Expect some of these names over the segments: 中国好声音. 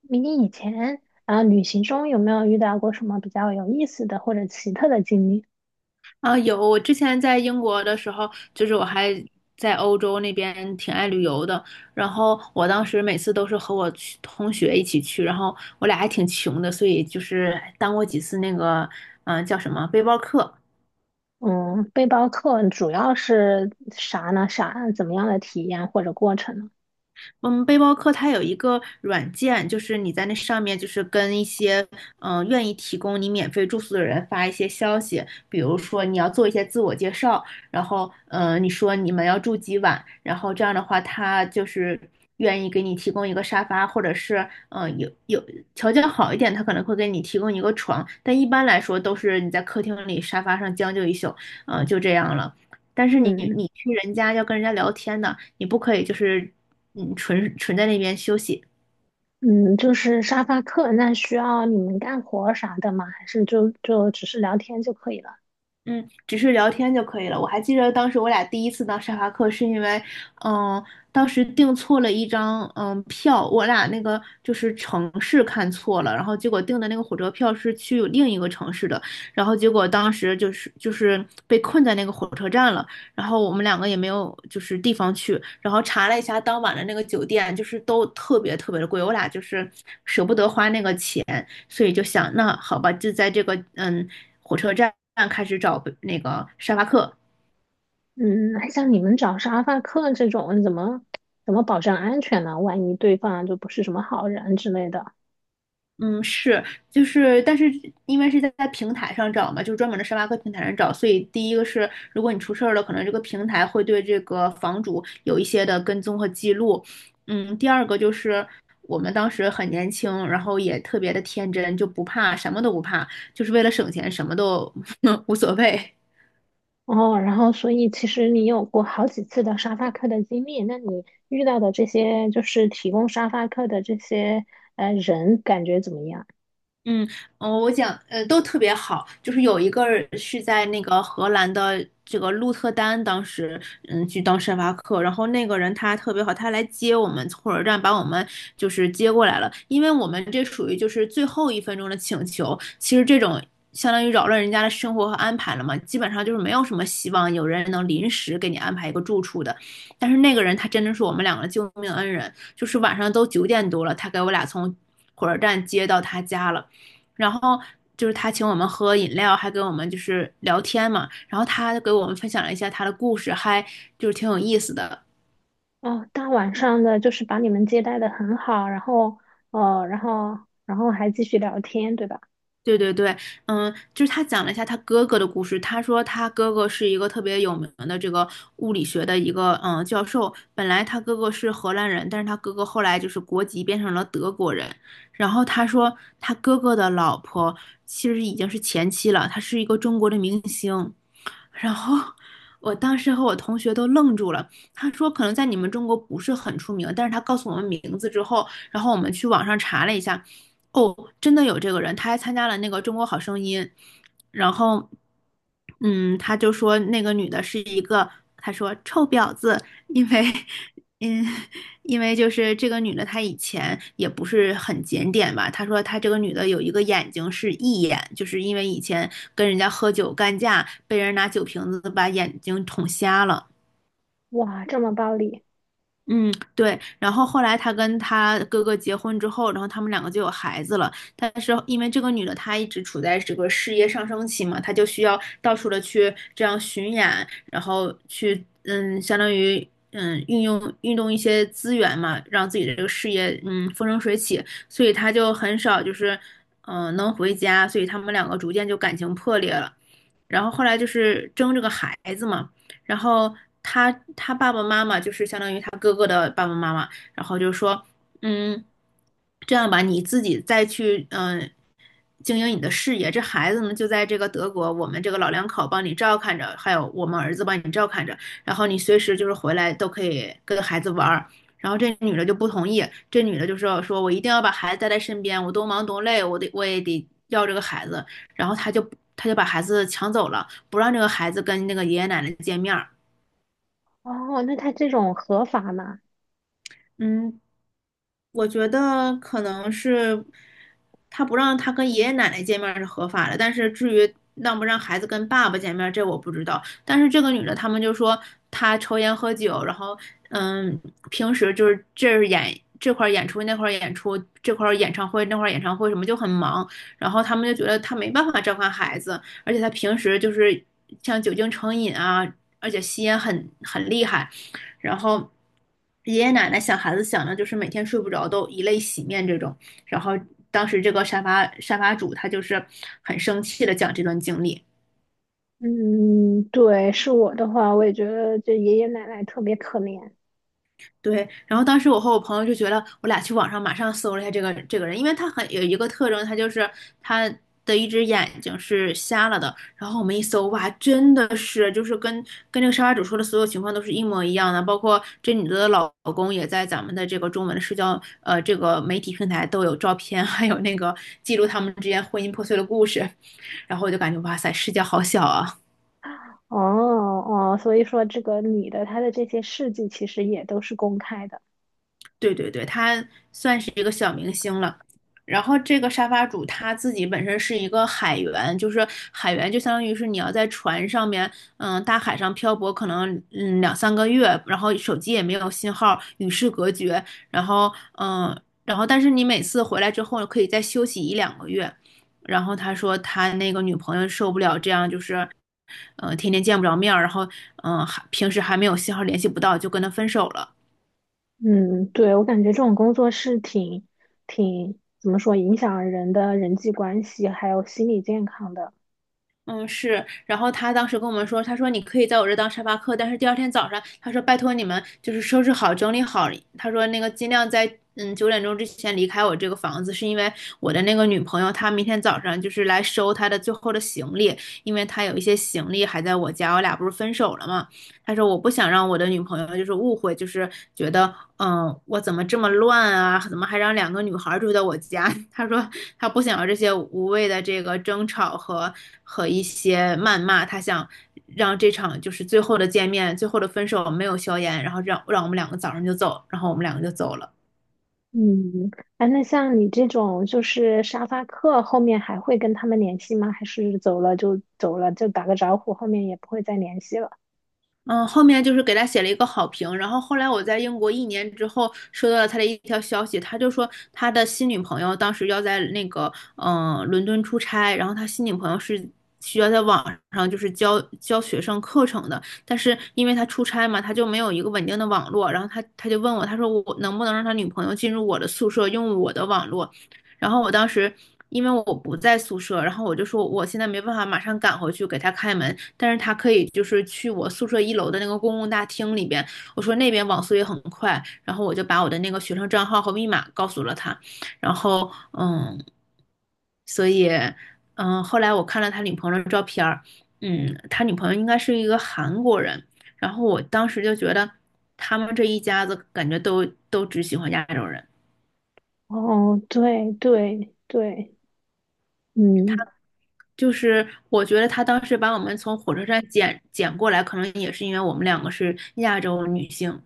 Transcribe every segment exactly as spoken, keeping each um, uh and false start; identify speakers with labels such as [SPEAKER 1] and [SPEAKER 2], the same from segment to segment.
[SPEAKER 1] 迷你以前啊，旅行中有没有遇到过什么比较有意思的或者奇特的经历？
[SPEAKER 2] 啊，有，我之前在英国的时候，就是我还在欧洲那边挺爱旅游的。然后我当时每次都是和我去同学一起去，然后我俩还挺穷的，所以就是当过几次那个，嗯、叫什么背包客。
[SPEAKER 1] 嗯，背包客主要是啥呢？啥怎么样的体验或者过程呢？
[SPEAKER 2] 嗯，背包客它有一个软件，就是你在那上面，就是跟一些嗯、呃愿意提供你免费住宿的人发一些消息，比如说你要做一些自我介绍，然后嗯呃你说你们要住几晚，然后这样的话他就是愿意给你提供一个沙发，或者是嗯、呃有有条件好一点，他可能会给你提供一个床，但一般来说都是你在客厅里沙发上将就一宿，嗯、就这样了。但是你
[SPEAKER 1] 嗯
[SPEAKER 2] 你去人家要跟人家聊天的，你不可以就是嗯纯纯在那边休息，
[SPEAKER 1] 嗯，就是沙发客，那需要你们干活儿啥的吗？还是就就只是聊天就可以了？
[SPEAKER 2] 嗯，只是聊天就可以了。我还记得当时我俩第一次到沙发客，是因为，嗯，当时订错了一张嗯票，我俩那个就是城市看错了，然后结果订的那个火车票是去另一个城市的，然后结果当时就是就是被困在那个火车站了，然后我们两个也没有就是地方去，然后查了一下当晚的那个酒店，就是都特别特别的贵，我俩就是舍不得花那个钱，所以就想，那好吧，就在这个嗯火车站开始找那个沙发客。
[SPEAKER 1] 嗯，那像你们找沙发客这种，怎么怎么保证安全呢？万一对方就不是什么好人之类的。
[SPEAKER 2] 嗯，是，就是，但是因为是在在平台上找嘛，就是专门的沙发客平台上找，所以第一个是，如果你出事儿了，可能这个平台会对这个房主有一些的跟踪和记录。嗯，第二个就是我们当时很年轻，然后也特别的天真，就不怕，什么都不怕，就是为了省钱，什么都 无所谓。
[SPEAKER 1] 哦，然后所以其实你有过好几次的沙发客的经历，那你遇到的这些就是提供沙发客的这些呃人，感觉怎么样？
[SPEAKER 2] 嗯，呃我讲，呃，都特别好。就是有一个是在那个荷兰的这个鹿特丹，当时嗯去当沙发客，然后那个人他特别好，他来接我们，从火车站把我们就是接过来了。因为我们这属于就是最后一分钟的请求，其实这种相当于扰乱人家的生活和安排了嘛，基本上就是没有什么希望有人能临时给你安排一个住处的。但是那个人他真的是我们两个的救命恩人，就是晚上都九点多了，他给我俩从火车站接到他家了。然后就是他请我们喝饮料，还跟我们就是聊天嘛。然后他给我们分享了一下他的故事，还就是挺有意思的。
[SPEAKER 1] 哦，大晚上的就是把你们接待的很好，然后呃，然后然后还继续聊天，对吧？
[SPEAKER 2] 对对对，嗯，就是他讲了一下他哥哥的故事。他说他哥哥是一个特别有名的这个物理学的一个嗯教授。本来他哥哥是荷兰人，但是他哥哥后来就是国籍变成了德国人。然后他说他哥哥的老婆其实已经是前妻了，她是一个中国的明星。然后我当时和我同学都愣住了。他说可能在你们中国不是很出名，但是他告诉我们名字之后，然后我们去网上查了一下，哦，真的有这个人，他还参加了那个《中国好声音》，然后，嗯，他就说那个女的是一个，他说臭婊子，因为嗯，因为就是这个女的，她以前也不是很检点吧。她说她这个女的有一个眼睛是异眼，就是因为以前跟人家喝酒干架，被人拿酒瓶子把眼睛捅瞎了。
[SPEAKER 1] 哇，这么暴力。
[SPEAKER 2] 嗯，对。然后后来她跟她哥哥结婚之后，然后他们两个就有孩子了。但是因为这个女的她一直处在这个事业上升期嘛，她就需要到处的去这样巡演，然后去嗯，相当于嗯运用运动一些资源嘛，让自己的这个事业嗯风生水起。所以她就很少就是嗯、呃能回家，所以他们两个逐渐就感情破裂了。然后后来就是争这个孩子嘛，然后她就是相当于他哥哥的爸爸妈妈，然后就说，嗯，这样吧，你自己再去嗯呃经营你的事业，这孩子呢就在这个德国，我们这个老两口帮你照看着，还有我们儿子帮你照看着，然后你随时就是回来都可以跟孩子玩儿。然后这女的就不同意，这女的就说说我一定要把孩子带在身边，我多忙多累，我得我也得要这个孩子。然后他就他就把孩子抢走了，不让这个孩子跟那个爷爷奶奶见面。
[SPEAKER 1] 哦，那他这种合法吗？
[SPEAKER 2] 嗯，我觉得可能是他不让他跟爷爷奶奶见面儿是合法的，但是至于让不让孩子跟爸爸见面儿，这我不知道。但是这个女的，他们就说她抽烟喝酒，然后嗯，平时就是这儿演这块儿演出那块儿演出，这块儿演唱会那块儿演唱会什么就很忙，然后他们就觉得她没办法照看孩子，而且她平时就是像酒精成瘾啊，而且吸烟很很厉害。然后爷爷奶奶想孩子想的就是每天睡不着都以泪洗面这种。然后当时这个沙发沙发主他就是很生气的讲这段经历，
[SPEAKER 1] 嗯，对，是我的话，我也觉得这爷爷奶奶特别可怜。
[SPEAKER 2] 对，然后当时我和我朋友就觉得，我俩去网上马上搜了一下这个这个人，因为他很有一个特征，他就是他的一只眼睛是瞎了的。然后我们一搜，哇，真的是就是跟跟这个沙发主说的所有情况都是一模一样的，包括这女的老公也在咱们的这个中文的社交呃这个媒体平台都有照片，还有那个记录他们之间婚姻破碎的故事。然后我就感觉哇塞，世界好小啊！
[SPEAKER 1] 哦哦，所以说这个女的她的这些事迹其实也都是公开的。
[SPEAKER 2] 对对对，他算是一个小明星了。然后这个沙发主他自己本身是一个海员，就是海员就相当于是你要在船上面，嗯，大海上漂泊，可能嗯两三个月，然后手机也没有信号，与世隔绝，然后嗯，然后但是你每次回来之后可以再休息一两个月。然后他说他那个女朋友受不了这样，就是嗯天天见不着面儿，然后嗯、呃还平时还没有信号联系不到，就跟他分手了。
[SPEAKER 1] 嗯，对，我感觉这种工作是挺挺怎么说，影响人的人际关系还有心理健康的。
[SPEAKER 2] 嗯，是。然后他当时跟我们说，他说你可以在我这当沙发客，但是第二天早上，他说拜托你们就是收拾好、整理好。他说那个尽量在嗯九点钟之前离开我这个房子，是因为我的那个女朋友她明天早上就是来收她的最后的行李，因为她有一些行李还在我家，我俩不是分手了嘛。他说我不想让我的女朋友就是误会，就是觉得嗯我怎么这么乱啊，怎么还让两个女孩住在我家？他说他不想要这些无谓的这个争吵和和一些谩骂，他想让这场就是最后的见面、最后的分手没有硝烟，然后让让我们两个早上就走，然后我们两个就走了。
[SPEAKER 1] 嗯，哎，那像你这种就是沙发客，后面还会跟他们联系吗？还是走了就走了，就打个招呼，后面也不会再联系了？
[SPEAKER 2] 嗯，后面就是给他写了一个好评，然后后来我在英国一年之后收到了他的一条消息，他就说他的新女朋友当时要在那个嗯、呃伦敦出差，然后他新女朋友是需要在网上就是教教学生课程的，但是因为他出差嘛，他就没有一个稳定的网络，然后他他就问我，他说我能不能让他女朋友进入我的宿舍用我的网络，然后我当时因为我不在宿舍，然后我就说我现在没办法马上赶回去给他开门，但是他可以就是去我宿舍一楼的那个公共大厅里边，我说那边网速也很快，然后我就把我的那个学生账号和密码告诉了他，然后嗯，所以嗯，后来我看了他女朋友的照片儿，嗯，他女朋友应该是一个韩国人，然后我当时就觉得他们这一家子感觉都都只喜欢亚洲人。
[SPEAKER 1] 哦，对对对，嗯，
[SPEAKER 2] 就是我觉得他当时把我们从火车站捡捡过来，可能也是因为我们两个是亚洲女性，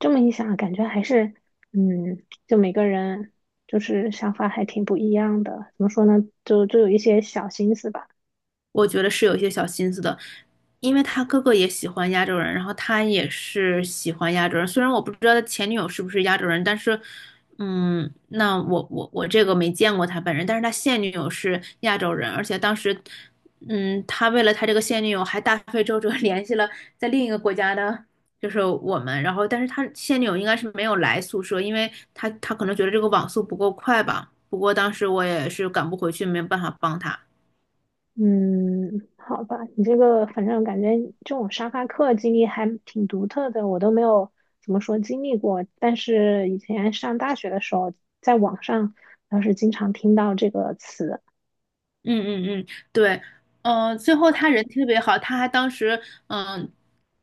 [SPEAKER 1] 这么一想，感觉还是嗯，就每个人就是想法还挺不一样的。怎么说呢？就就有一些小心思吧。
[SPEAKER 2] 我觉得是有一些小心思的，因为他哥哥也喜欢亚洲人，然后他也是喜欢亚洲人。虽然我不知道他前女友是不是亚洲人，但是，嗯，那我我我这个没见过他本人，但是他现女友是亚洲人，而且当时，嗯，他为了他这个现女友还大费周折 联系了在另一个国家的，就是我们，然后但是他现女友应该是没有来宿舍，因为他他可能觉得这个网速不够快吧。不过当时我也是赶不回去，没有办法帮他。
[SPEAKER 1] 嗯，好吧，你这个反正感觉这种沙发客经历还挺独特的，我都没有怎么说经历过。但是以前上大学的时候，在网上倒是经常听到这个词。
[SPEAKER 2] 嗯嗯嗯，对，嗯，最后他人特别好，他还当时嗯、呃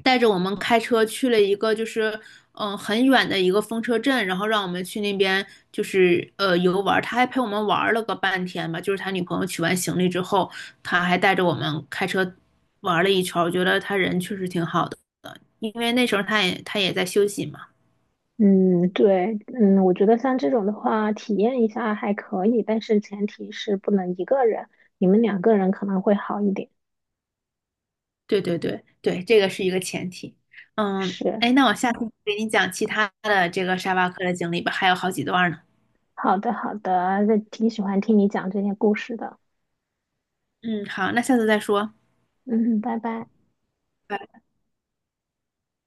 [SPEAKER 2] 带着我们开车去了一个就是嗯、呃很远的一个风车镇，然后让我们去那边就是呃游玩儿。他还陪我们玩儿了个半天吧，就是他女朋友取完行李之后，他还带着我们开车玩儿了一圈儿。我觉得他人确实挺好的，因为那时候他也他也在休息嘛。
[SPEAKER 1] 嗯，对，嗯，我觉得像这种的话，体验一下还可以，但是前提是不能一个人，你们两个人可能会好一点。
[SPEAKER 2] 对对对对，这个是一个前提。嗯，
[SPEAKER 1] 是，
[SPEAKER 2] 哎，那我下次给你讲其他的这个沙巴克的经历吧，还有好几段呢。
[SPEAKER 1] 好的，好的，那挺喜欢听你讲这些故事的。
[SPEAKER 2] 嗯，好，那下次再说。
[SPEAKER 1] 嗯，拜拜。
[SPEAKER 2] 拜拜。